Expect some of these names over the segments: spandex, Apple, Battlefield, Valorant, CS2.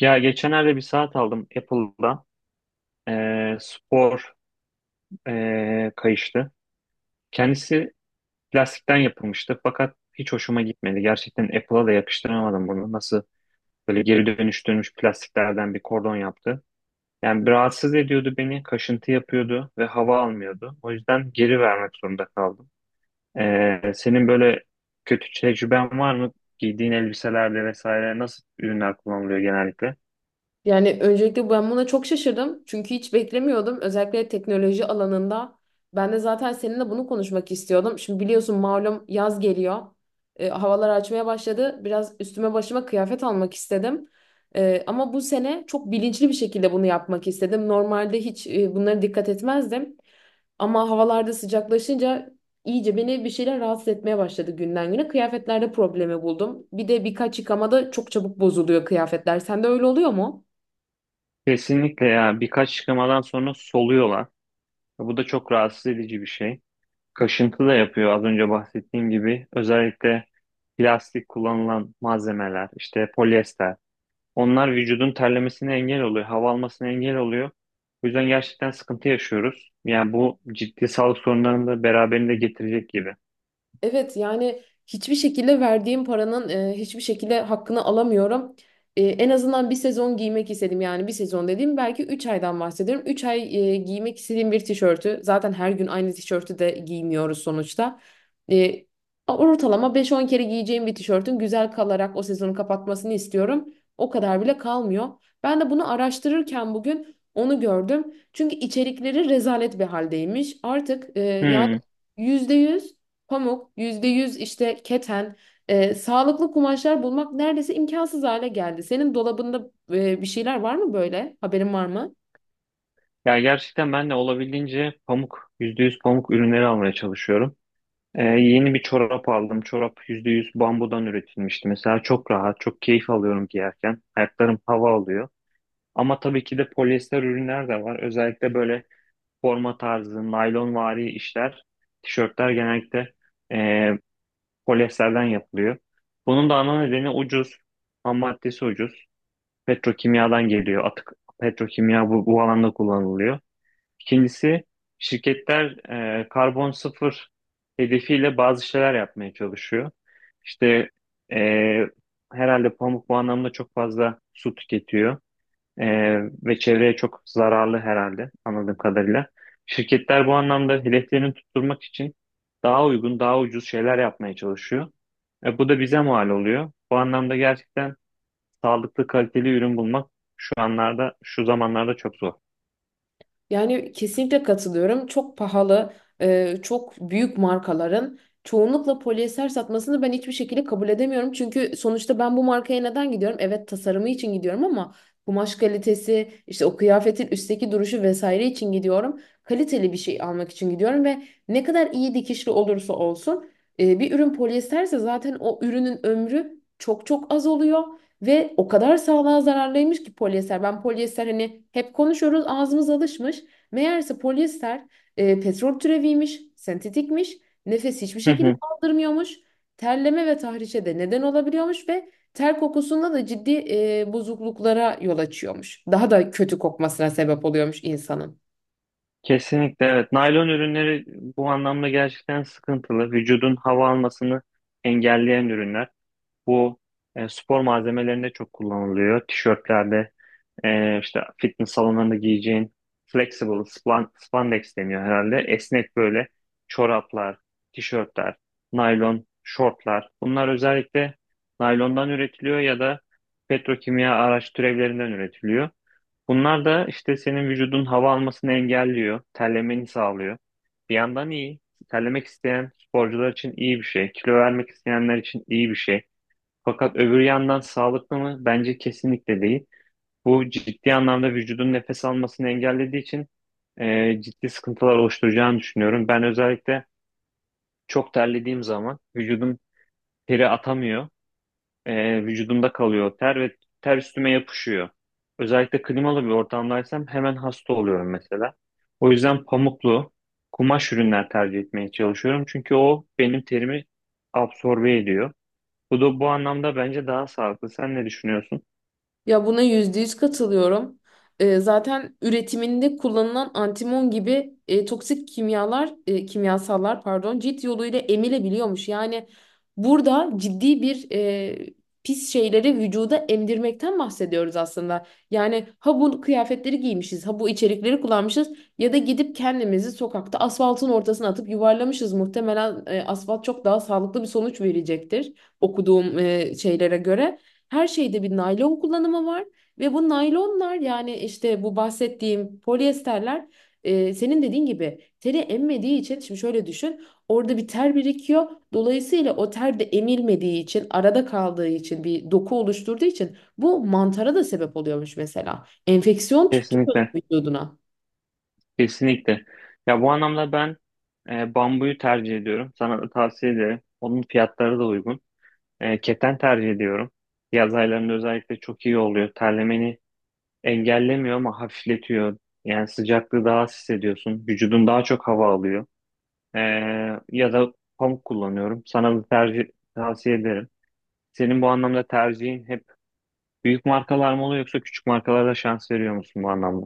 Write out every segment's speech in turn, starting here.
Ya geçenlerde bir saat aldım Apple'da. Spor kayıştı. Kendisi plastikten yapılmıştı fakat hiç hoşuma gitmedi. Gerçekten Apple'a da yakıştıramadım bunu. Nasıl böyle geri dönüştürülmüş plastiklerden bir kordon yaptı. Yani bir rahatsız ediyordu beni, kaşıntı yapıyordu ve hava almıyordu. O yüzden geri vermek zorunda kaldım. Senin böyle kötü tecrüben var mı? Giydiğin elbiselerde vesaire nasıl ürünler kullanılıyor genellikle? Yani öncelikle ben buna çok şaşırdım. Çünkü hiç beklemiyordum. Özellikle teknoloji alanında. Ben de zaten seninle bunu konuşmak istiyordum. Şimdi biliyorsun malum yaz geliyor. Havalar açmaya başladı. Biraz üstüme başıma kıyafet almak istedim. Ama bu sene çok bilinçli bir şekilde bunu yapmak istedim. Normalde hiç bunlara dikkat etmezdim. Ama havalarda sıcaklaşınca iyice beni bir şeyler rahatsız etmeye başladı günden güne. Kıyafetlerde problemi buldum. Bir de birkaç yıkamada çok çabuk bozuluyor kıyafetler. Sende öyle oluyor mu? Kesinlikle, ya birkaç çıkamadan sonra soluyorlar. Bu da çok rahatsız edici bir şey. Kaşıntı da yapıyor, az önce bahsettiğim gibi. Özellikle plastik kullanılan malzemeler, işte polyester. Onlar vücudun terlemesine engel oluyor, hava almasına engel oluyor. O yüzden gerçekten sıkıntı yaşıyoruz. Yani bu ciddi sağlık sorunlarını da beraberinde getirecek gibi. Evet yani hiçbir şekilde verdiğim paranın hiçbir şekilde hakkını alamıyorum. En azından bir sezon giymek istedim, yani bir sezon dediğim belki 3 aydan bahsediyorum. Üç ay giymek istediğim bir tişörtü, zaten her gün aynı tişörtü de giymiyoruz sonuçta. E, Ortalama beş on kere giyeceğim bir tişörtün güzel kalarak o sezonu kapatmasını istiyorum. O kadar bile kalmıyor. Ben de bunu araştırırken bugün onu gördüm. Çünkü içerikleri rezalet bir haldeymiş. Artık yani Hmm. %100 pamuk, %100 işte keten, sağlıklı kumaşlar bulmak neredeyse imkansız hale geldi. Senin dolabında bir şeyler var mı böyle? Haberin var mı? Ya gerçekten ben de olabildiğince pamuk, %100 pamuk ürünleri almaya çalışıyorum. Yeni bir çorap aldım. Çorap %100 bambudan üretilmişti. Mesela çok rahat, çok keyif alıyorum giyerken. Ayaklarım hava alıyor. Ama tabii ki de polyester ürünler de var. Özellikle böyle forma tarzı, naylonvari işler, tişörtler genellikle e, polyesterden yapılıyor. Bunun da ana nedeni ucuz, ham maddesi ucuz. Petrokimyadan geliyor. Atık petrokimya bu alanda kullanılıyor. İkincisi şirketler karbon sıfır hedefiyle bazı şeyler yapmaya çalışıyor. İşte e, herhalde pamuk bu anlamda çok fazla su tüketiyor e, ve çevreye çok zararlı, herhalde anladığım kadarıyla. Şirketler bu anlamda hedeflerini tutturmak için daha uygun, daha ucuz şeyler yapmaya çalışıyor. Bu da bize mal oluyor. Bu anlamda gerçekten sağlıklı, kaliteli ürün bulmak şu zamanlarda çok zor. Yani kesinlikle katılıyorum. Çok pahalı, çok büyük markaların çoğunlukla polyester satmasını ben hiçbir şekilde kabul edemiyorum. Çünkü sonuçta ben bu markaya neden gidiyorum? Evet tasarımı için gidiyorum ama kumaş kalitesi, işte o kıyafetin üstteki duruşu vesaire için gidiyorum. Kaliteli bir şey almak için gidiyorum ve ne kadar iyi dikişli olursa olsun bir ürün polyesterse zaten o ürünün ömrü çok çok az oluyor. Ve o kadar sağlığa zararlıymış ki polyester. Ben polyester hani hep konuşuyoruz, ağzımız alışmış. Meğerse polyester petrol türeviymiş, sentetikmiş, nefes hiçbir şekilde aldırmıyormuş. Terleme ve tahrişe de neden olabiliyormuş ve ter kokusunda da ciddi bozukluklara yol açıyormuş. Daha da kötü kokmasına sebep oluyormuş insanın. Kesinlikle, evet. Naylon ürünleri bu anlamda gerçekten sıkıntılı. Vücudun hava almasını engelleyen ürünler. Bu spor malzemelerinde çok kullanılıyor. Tişörtlerde, işte fitness salonlarında giyeceğin spandex deniyor herhalde. Esnek böyle çoraplar, tişörtler, naylon şortlar. Bunlar özellikle naylondan üretiliyor ya da petrokimya araç türevlerinden üretiliyor. Bunlar da işte senin vücudun hava almasını engelliyor, terlemeni sağlıyor. Bir yandan iyi. Terlemek isteyen sporcular için iyi bir şey, kilo vermek isteyenler için iyi bir şey. Fakat öbür yandan sağlıklı mı? Bence kesinlikle değil. Bu ciddi anlamda vücudun nefes almasını engellediği için ciddi sıkıntılar oluşturacağını düşünüyorum. Ben özellikle çok terlediğim zaman vücudum teri atamıyor, vücudumda kalıyor. Ter ve üstüme yapışıyor. Özellikle klimalı bir ortamdaysam hemen hasta oluyorum mesela. O yüzden pamuklu kumaş ürünler tercih etmeye çalışıyorum. Çünkü o benim terimi absorbe ediyor. Bu da bu anlamda bence daha sağlıklı. Sen ne düşünüyorsun? Ya buna %100 katılıyorum. Zaten üretiminde kullanılan antimon gibi toksik kimyalar, kimyasallar pardon, cilt yoluyla emilebiliyormuş. Yani burada ciddi bir pis şeyleri vücuda emdirmekten bahsediyoruz aslında. Yani ha bu kıyafetleri giymişiz, ha bu içerikleri kullanmışız ya da gidip kendimizi sokakta asfaltın ortasına atıp yuvarlamışız. Muhtemelen asfalt çok daha sağlıklı bir sonuç verecektir okuduğum şeylere göre. Her şeyde bir naylon kullanımı var ve bu naylonlar, yani işte bu bahsettiğim polyesterler, senin dediğin gibi teri emmediği için, şimdi şöyle düşün, orada bir ter birikiyor. Dolayısıyla o ter de emilmediği için, arada kaldığı için, bir doku oluşturduğu için bu mantara da sebep oluyormuş mesela. Enfeksiyon tutturuyor Kesinlikle. vücuduna. Kesinlikle. Ya bu anlamda ben bambuyu tercih ediyorum. Sana da tavsiye ederim. Onun fiyatları da uygun. E, keten tercih ediyorum. Yaz aylarında özellikle çok iyi oluyor. Terlemeni engellemiyor ama hafifletiyor. Yani sıcaklığı daha az hissediyorsun. Vücudun daha çok hava alıyor. Ee, Ya da pamuk kullanıyorum. Sana da tavsiye ederim. Senin bu anlamda tercihin hep büyük markalar mı oluyor, yoksa küçük markalara da şans veriyor musun bu anlamda?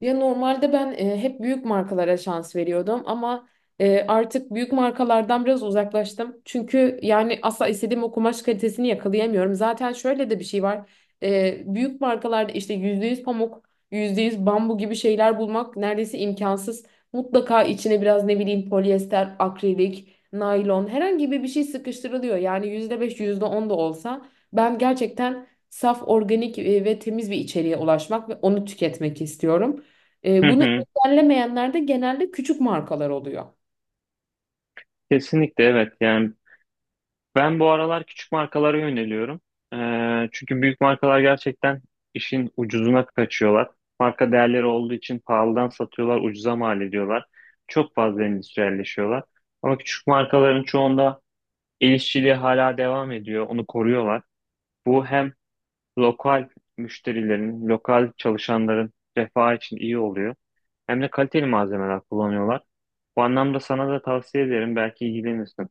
Ya normalde ben hep büyük markalara şans veriyordum ama artık büyük markalardan biraz uzaklaştım. Çünkü yani asla istediğim o kumaş kalitesini yakalayamıyorum. Zaten şöyle de bir şey var. Büyük markalarda işte %100 pamuk, %100 bambu gibi şeyler bulmak neredeyse imkansız. Mutlaka içine biraz ne bileyim polyester, akrilik, naylon herhangi bir şey sıkıştırılıyor. Yani %5, yüzde on da olsa ben gerçekten saf, organik ve temiz bir içeriğe ulaşmak ve onu tüketmek istiyorum. Hı Bunu hı. engellemeyenler de genelde küçük markalar oluyor. Kesinlikle evet. Yani ben bu aralar küçük markalara yöneliyorum. Çünkü büyük markalar gerçekten işin ucuzuna kaçıyorlar. Marka değerleri olduğu için pahalıdan satıyorlar, ucuza mal ediyorlar. Çok fazla endüstriyelleşiyorlar. Ama küçük markaların çoğunda el işçiliği hala devam ediyor, onu koruyorlar. Bu hem lokal müşterilerin, lokal çalışanların refahı için iyi oluyor. Hem de kaliteli malzemeler kullanıyorlar. Bu anlamda sana da tavsiye ederim, belki ilgilenirsin.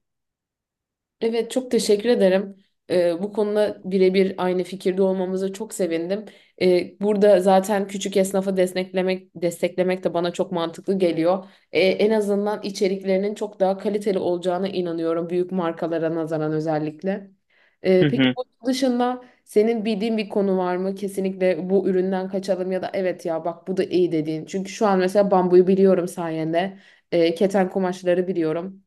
Evet çok teşekkür ederim. Bu konuda birebir aynı fikirde olmamıza çok sevindim. Burada zaten küçük esnafa desteklemek de bana çok mantıklı geliyor. En azından içeriklerinin çok daha kaliteli olacağına inanıyorum, büyük markalara nazaran özellikle. Peki bunun dışında senin bildiğin bir konu var mı? Kesinlikle bu üründen kaçalım ya da evet ya bak bu da iyi dediğin. Çünkü şu an mesela bambuyu biliyorum sayende. Keten kumaşları biliyorum.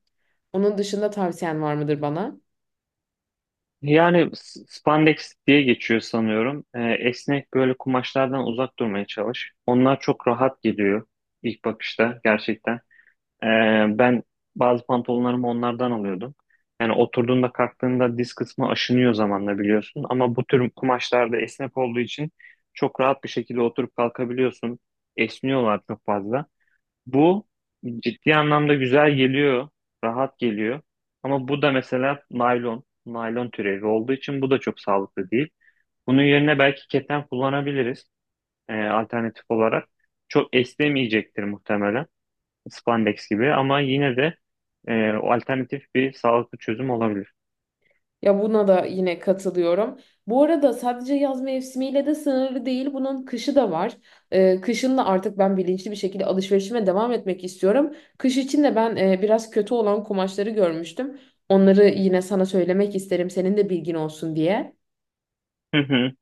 Onun dışında tavsiyen var mıdır bana? Yani spandex diye geçiyor sanıyorum. Esnek böyle kumaşlardan uzak durmaya çalış. Onlar çok rahat geliyor ilk bakışta gerçekten. Ee, Ben bazı pantolonlarımı onlardan alıyordum. Yani oturduğunda, kalktığında diz kısmı aşınıyor zamanla, biliyorsun. Ama bu tür kumaşlarda esnek olduğu için çok rahat bir şekilde oturup kalkabiliyorsun. Esniyorlar çok fazla. Bu ciddi anlamda güzel geliyor, rahat geliyor. Ama bu da mesela naylon, naylon türevi olduğu için bu da çok sağlıklı değil. Bunun yerine belki keten kullanabiliriz alternatif olarak. Çok esnemeyecektir muhtemelen spandex gibi, ama yine de o alternatif bir sağlıklı çözüm olabilir. Ya buna da yine katılıyorum. Bu arada sadece yaz mevsimiyle de sınırlı değil. Bunun kışı da var. Kışın da artık ben bilinçli bir şekilde alışverişime devam etmek istiyorum. Kış için de ben biraz kötü olan kumaşları görmüştüm. Onları yine sana söylemek isterim, senin de bilgin olsun diye. Hı hı.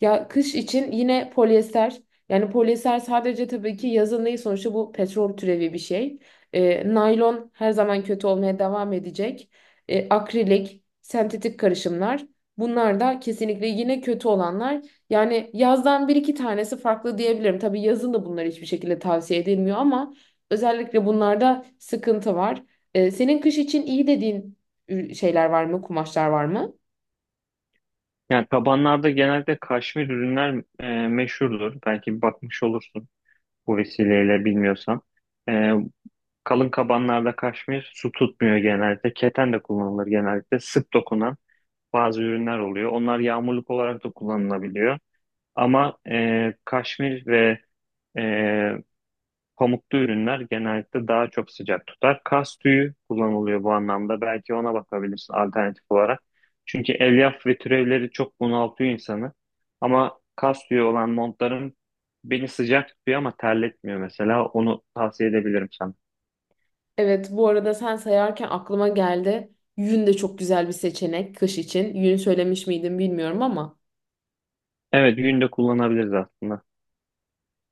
Ya kış için yine polyester. Yani polyester sadece tabii ki yazın değil, sonuçta bu petrol türevi bir şey. Naylon her zaman kötü olmaya devam edecek. Akrilik, sentetik karışımlar. Bunlar da kesinlikle yine kötü olanlar. Yani yazdan bir iki tanesi farklı diyebilirim. Tabii yazın da bunlar hiçbir şekilde tavsiye edilmiyor ama özellikle bunlarda sıkıntı var. Senin kış için iyi dediğin şeyler var mı, kumaşlar var mı? Yani tabanlarda genelde kaşmir ürünler meşhurdur. Belki bakmış olursun bu vesileyle, bilmiyorsan. E, Kalın kabanlarda kaşmir su tutmuyor genelde. Keten de kullanılır genellikle. Sık dokunan bazı ürünler oluyor. Onlar yağmurluk olarak da kullanılabiliyor. Ama kaşmir ve e, pamuklu ürünler genellikle daha çok sıcak tutar. Kas tüyü kullanılıyor bu anlamda. Belki ona bakabilirsin alternatif olarak. Çünkü elyaf ve türevleri çok bunaltıyor insanı. Ama kas tüyü olan montların beni sıcak tutuyor ama terletmiyor mesela. Onu tavsiye edebilirim sana. Evet, bu arada sen sayarken aklıma geldi. Yün de çok güzel bir seçenek kış için. Yün söylemiş miydim bilmiyorum ama. Evet, günde kullanabiliriz aslında.